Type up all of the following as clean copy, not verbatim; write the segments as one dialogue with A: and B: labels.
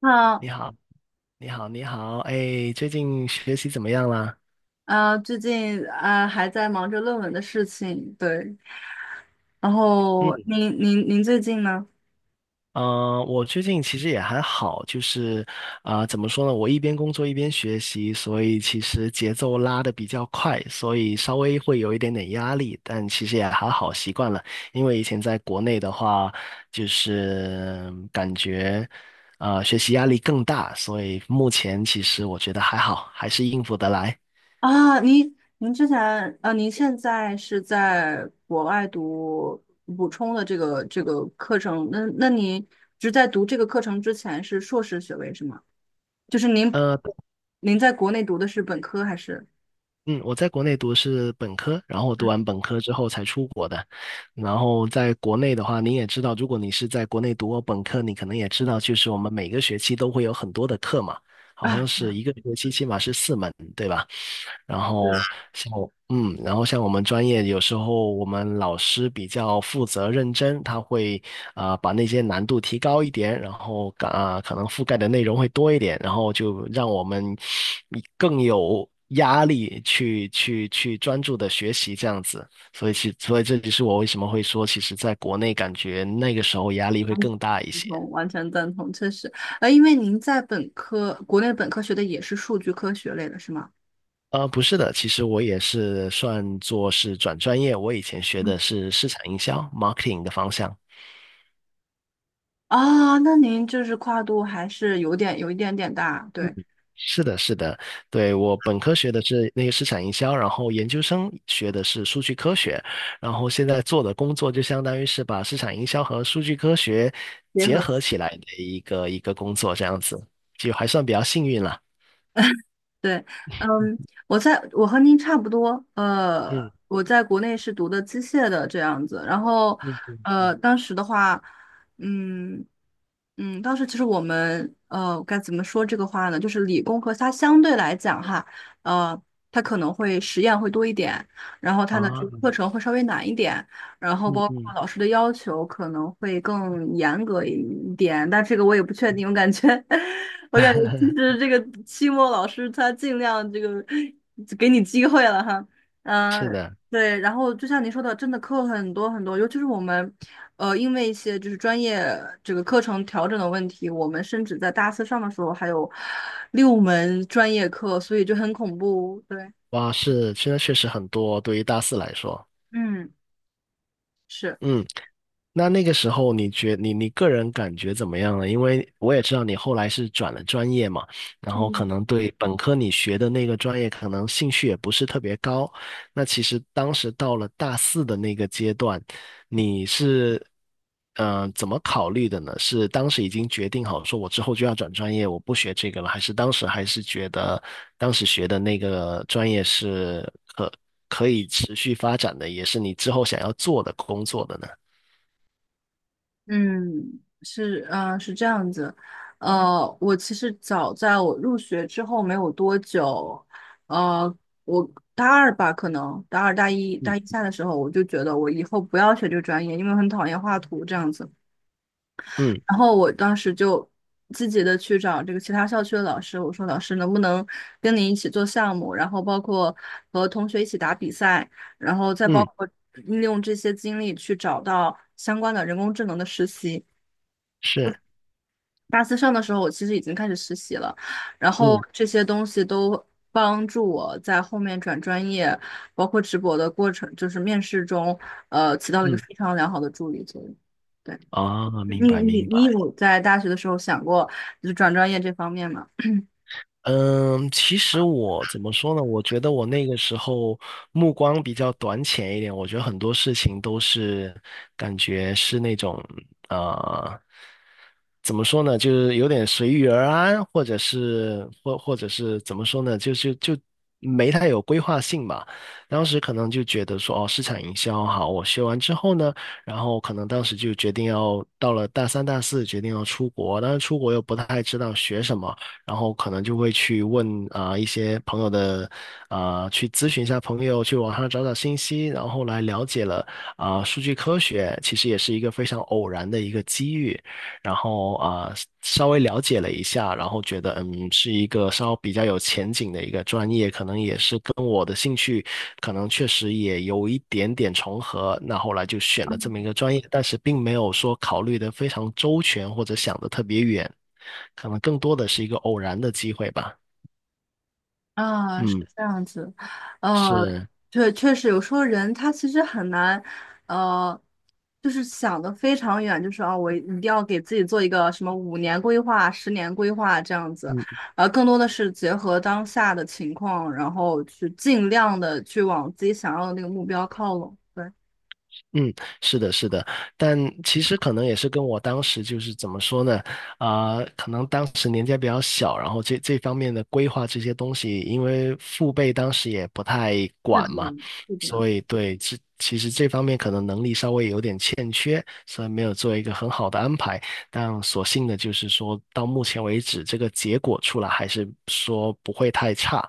A: 那
B: 你好，你好，你好，哎，最近学习怎么样啦？
A: 最近还在忙着论文的事情，对。然
B: 嗯，
A: 后您最近呢？
B: 我最近其实也还好，就是怎么说呢？我一边工作一边学习，所以其实节奏拉得比较快，所以稍微会有一点点压力，但其实也还好，习惯了。因为以前在国内的话，就是感觉学习压力更大，所以目前其实我觉得还好，还是应付得来。
A: 啊，您之前您现在是在国外读补充的这个课程，那您只在读这个课程之前是硕士学位是吗？就是您
B: 呃。
A: 您在国内读的是本科还是？
B: 嗯，我在国内读的是本科，然后我读完本科之后才出国的。然后在国内的话，你也知道，如果你是在国内读过本科，你可能也知道，就是我们每个学期都会有很多的课嘛，好像
A: 啊，
B: 是
A: 赞
B: 一个学期起码是4门，对吧？然后像我，嗯，然后像我们专业，有时候我们老师比较负责认真，他会把那些难度提高一点，然后可能覆盖的内容会多一点，然后就让我们更有压力去专注的学习这样子。所以这就是我为什么会说，其实在国内感觉那个时候压力会更大一些。
A: 同，完全赞同，确实，因为您在本科国内本科学的也是数据科学类的是吗？
B: 不是的，其实我也是算作是转专业，我以前学的是市场营销 marketing 的方向。
A: 啊，那您就是跨度还是有一点点大，对。
B: 是的，是的，对，我本科学的是那个市场营销，然后研究生学的是数据科学，然后现在做的工作就相当于是把市场营销和数据科学
A: 结
B: 结
A: 合。
B: 合起来的一个工作，这样子，就还算比较幸运了。
A: 对，嗯，我和您差不多，
B: 嗯
A: 我在国内是读的机械的这样子，然后，
B: 嗯嗯嗯
A: 当时的话，嗯当时其实我们该怎么说这个话呢？就是理工科它相对来讲哈，呃，它可能会实验会多一点，然后它的
B: 啊，
A: 这个课程会稍微难一点，然后
B: 嗯
A: 包括
B: 嗯，
A: 老师的要求可能会更严格一点，但这个我也不确定。我感觉，我感觉其 实这个期末老师他尽量这个给你机会了哈，
B: 是
A: 嗯、
B: 的，
A: 对。然后就像您说的，真的课很多很多，尤其是我们，因为一些就是专业这个课程调整的问题，我们甚至在大四上的时候还有六门专业课，所以就很恐怖。对，
B: 哇，是，现在确实很多，对于大四来说，
A: 嗯，是。
B: 嗯。那个时候你个人感觉怎么样呢？因为我也知道你后来是转了专业嘛，然后可
A: 嗯，
B: 能对本科你学的那个专业可能兴趣也不是特别高。那其实当时到了大四的那个阶段，你是怎么考虑的呢？是当时已经决定好说我之后就要转专业，我不学这个了，还是当时还是觉得当时学的那个专业是可以持续发展的，也是你之后想要做的工作的呢？嗯
A: 嗯，是，是这样子，我其实早在我入学之后没有多久，呃，我大二吧，可能大二、大一、大一下的时候，我就觉得我以后不要学这个专业，因为我很讨厌画图这样子。
B: 嗯
A: 然后我当时就积极的去找这个其他校区的老师，我说老师能不能跟你一起做项目，然后包括和同学一起打比赛，然后再包
B: 嗯，
A: 括利用这些经历去找到相关的人工智能的实习。
B: 是，
A: 大四上的时候，我其实已经开始实习了，然后
B: 嗯
A: 这些东西都帮助我在后面转专业，包括直博的过程，就是面试中，起到了一个
B: 嗯，
A: 非常良好的助力作用。对，
B: 哦，明
A: 你
B: 白
A: 你
B: 明
A: 你
B: 白。
A: 有在大学的时候想过就是转专业这方面吗？
B: 嗯，其实我怎么说呢？我觉得我那个时候目光比较短浅一点，我觉得很多事情都是感觉是那种呃，怎么说呢？就是有点随遇而安，或者是怎么说呢？就是没太有规划性吧。当时可能就觉得说，哦，市场营销好，我学完之后呢，然后可能当时就决定要到了大三、大四，决定要出国，但是出国又不太知道学什么。然后可能就会去问一些朋友的去咨询一下朋友，去网上找找信息，然后后来了解了数据科学其实也是一个非常偶然的一个机遇，然后稍微了解了一下，然后觉得是一个稍比较有前景的一个专业，可能也是跟我的兴趣可能确实也有一点点重合，那后来就选了这么一个专业，但是并没有说考虑的非常周全或者想的特别远。可能更多的是一个偶然的机会吧。
A: 啊，是
B: 嗯，
A: 这样子，呃，
B: 是，
A: 确实有时候人他其实很难，呃，就是想的非常远，就是啊，我一定要给自己做一个什么五年规划、十年规划这样子，
B: 嗯，
A: 更多的是结合当下的情况，然后去尽量的去往自己想要的那个目标靠拢。对，
B: 嗯，是的，是的，但其实可能也是跟我当时就是怎么说呢，可能当时年纪还比较小，然后这方面的规划这些东西，因为父辈当时也不太
A: 是
B: 管嘛，
A: 的，是的，
B: 所以对，其实这方面可能能力稍微有点欠缺，所以没有做一个很好的安排。但所幸的就是说到目前为止，这个结果出来还是说不会太差，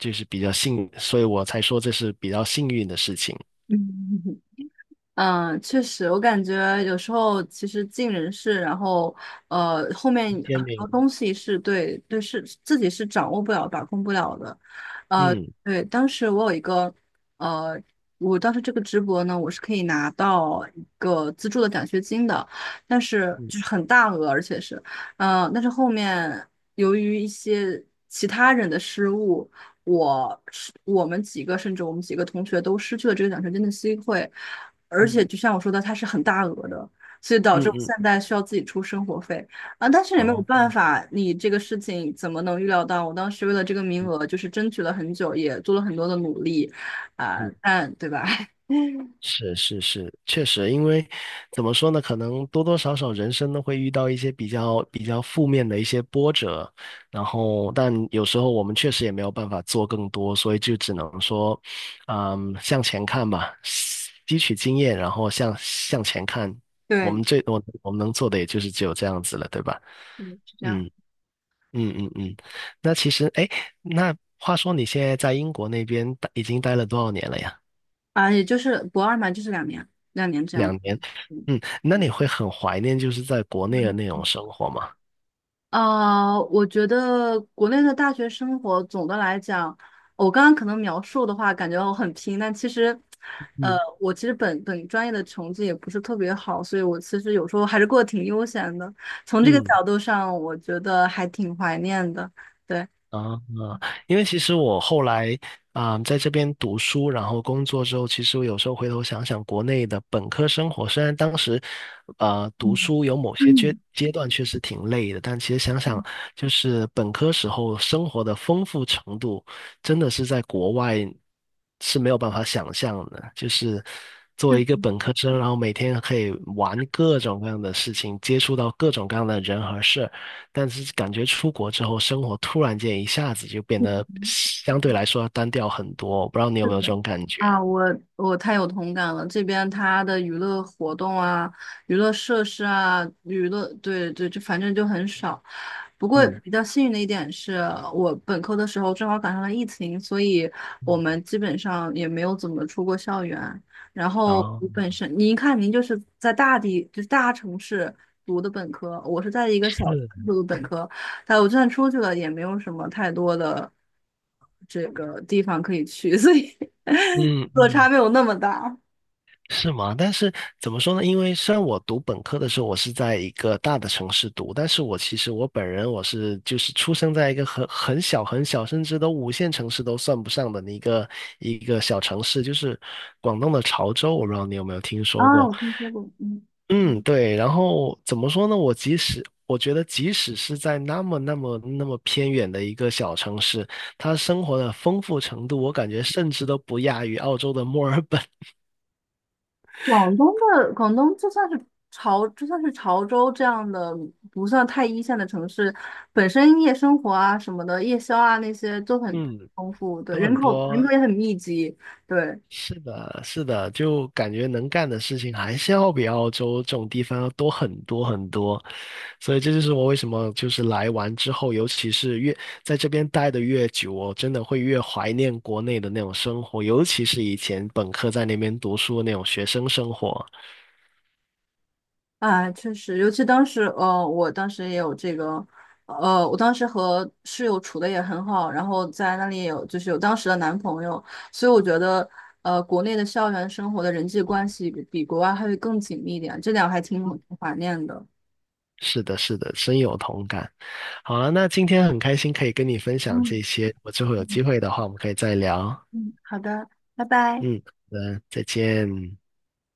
B: 就是比较幸，所以我才说这是比较幸运的事情。
A: 嗯。嗯，确实，我感觉有时候其实尽人事，然后后面
B: 天
A: 很
B: 明。
A: 多东西是，对对，是自己是掌握不了、把控不了的。呃，
B: 嗯。
A: 对，当时我有一个呃，我当时这个直博呢，我是可以拿到一个资助的奖学金的，但是就是
B: 嗯
A: 很大额，而且是呃，但是后面由于一些其他人的失误。我我们几个，甚至我们几个同学都失去了这个奖学金的机会，而且
B: 嗯
A: 就像我说的，它是很大额的，所以导
B: 嗯
A: 致我
B: 嗯，
A: 现在需要自己出生活费啊。但是也没有
B: 哦，
A: 办法，你这个事情怎么能预料到？我当时为了这个名
B: 嗯
A: 额，就是争取了很久，也做了很多的努力啊，
B: 嗯，
A: 但对吧？嗯
B: 是是是，确实，因为怎么说呢，可能多多少少人生都会遇到一些比较负面的一些波折，然后但有时候我们确实也没有办法做更多，所以就只能说，向前看吧，吸取经验，然后向前看，我
A: 对，
B: 们最多我们能做的也就是只有这样子了，对吧？
A: 嗯，是这样
B: 嗯。嗯嗯嗯，那其实，哎，那话说你现在在英国那边已经待了多少年了呀？
A: 啊，也就是博二嘛，就是两年，两年这样。
B: 2年。
A: 嗯
B: 那你会很怀念就是在国内的那种生活吗？
A: 我觉得国内的大学生活总的来讲，我刚刚可能描述的话，感觉我很拼，但其实，
B: 嗯
A: 我其实本专业的成绩也不是特别好，所以我其实有时候还是过得挺悠闲的。从这个
B: 嗯。
A: 角度上，我觉得还挺怀念的。对，
B: 啊，因为其实我后来在这边读书，然后工作之后，其实我有时候回头想想，国内的本科生活，虽然当时读
A: 嗯，
B: 书有某些阶段确实挺累的，但其实想
A: 嗯，
B: 想，就是本科时候生活的丰富程度，真的是在国外是没有办法想象的。就是作为一个本科生，然后每天可以玩各种各样的事情，接触到各种各样的人和事儿，但是感觉出国之后，生活突然间一下子就变得相对来说要单调很多。我不知道你有
A: 是
B: 没有这
A: 的。
B: 种感觉？
A: 啊，我太有同感了。这边它的娱乐活动啊、娱乐设施啊、娱乐，对对，就反正就很少。不过
B: 嗯，
A: 比较幸运的一点是，我本科的时候正好赶上了疫情，所以我们基本上也没有怎么出过校园。然后
B: 哦，
A: 我本身，您看，您就是在大地，就是大城市读的本科，我是在一个小城市
B: 是，
A: 读的本科，哎，我就算出去了，也没有什么太多的这个地方可以去，所以
B: 嗯
A: 落差
B: 嗯，
A: 没有那么大。
B: 是吗？但是怎么说呢？因为虽然我读本科的时候，我是在一个大的城市读，但是我其实我本人我是就是出生在一个很小很小，甚至都五线城市都算不上的一个小城市，就是广东的潮州。我不知道你有没有听说
A: 啊，
B: 过。
A: 我听说过，嗯，
B: 嗯，对，然后怎么说呢？我觉得，即使是在那么那么那么偏远的一个小城市，它生活的丰富程度，我感觉甚至都不亚于澳洲的墨尔本。
A: 广东广东就算是潮州这样的不算太一线的城市，本身夜生活啊什么的，夜宵啊那些都很
B: 嗯，
A: 丰富，对，
B: 都
A: 人
B: 很
A: 口人
B: 多
A: 口也很密集，对，
B: 是的，是的，就感觉能干的事情还是要比澳洲这种地方要多很多很多，所以这就是我为什么就是来完之后，尤其是越在这边待的越久哦，我真的会越怀念国内的那种生活，尤其是以前本科在那边读书的那种学生生活。
A: 啊，确实，尤其当时，我当时也有这个，我当时和室友处的也很好，然后在那里也有就是有当时的男朋友，所以我觉得，国内的校园生活的人际关系比国外还会更紧密一点，这点我还挺怀念的。
B: 是的，是的，深有同感。好了，那今天很开心可以跟你分享
A: 嗯
B: 这些，我之后有机
A: 嗯，
B: 会的话，我们可以再聊。
A: 嗯好的，拜拜。
B: 嗯，好的，再见。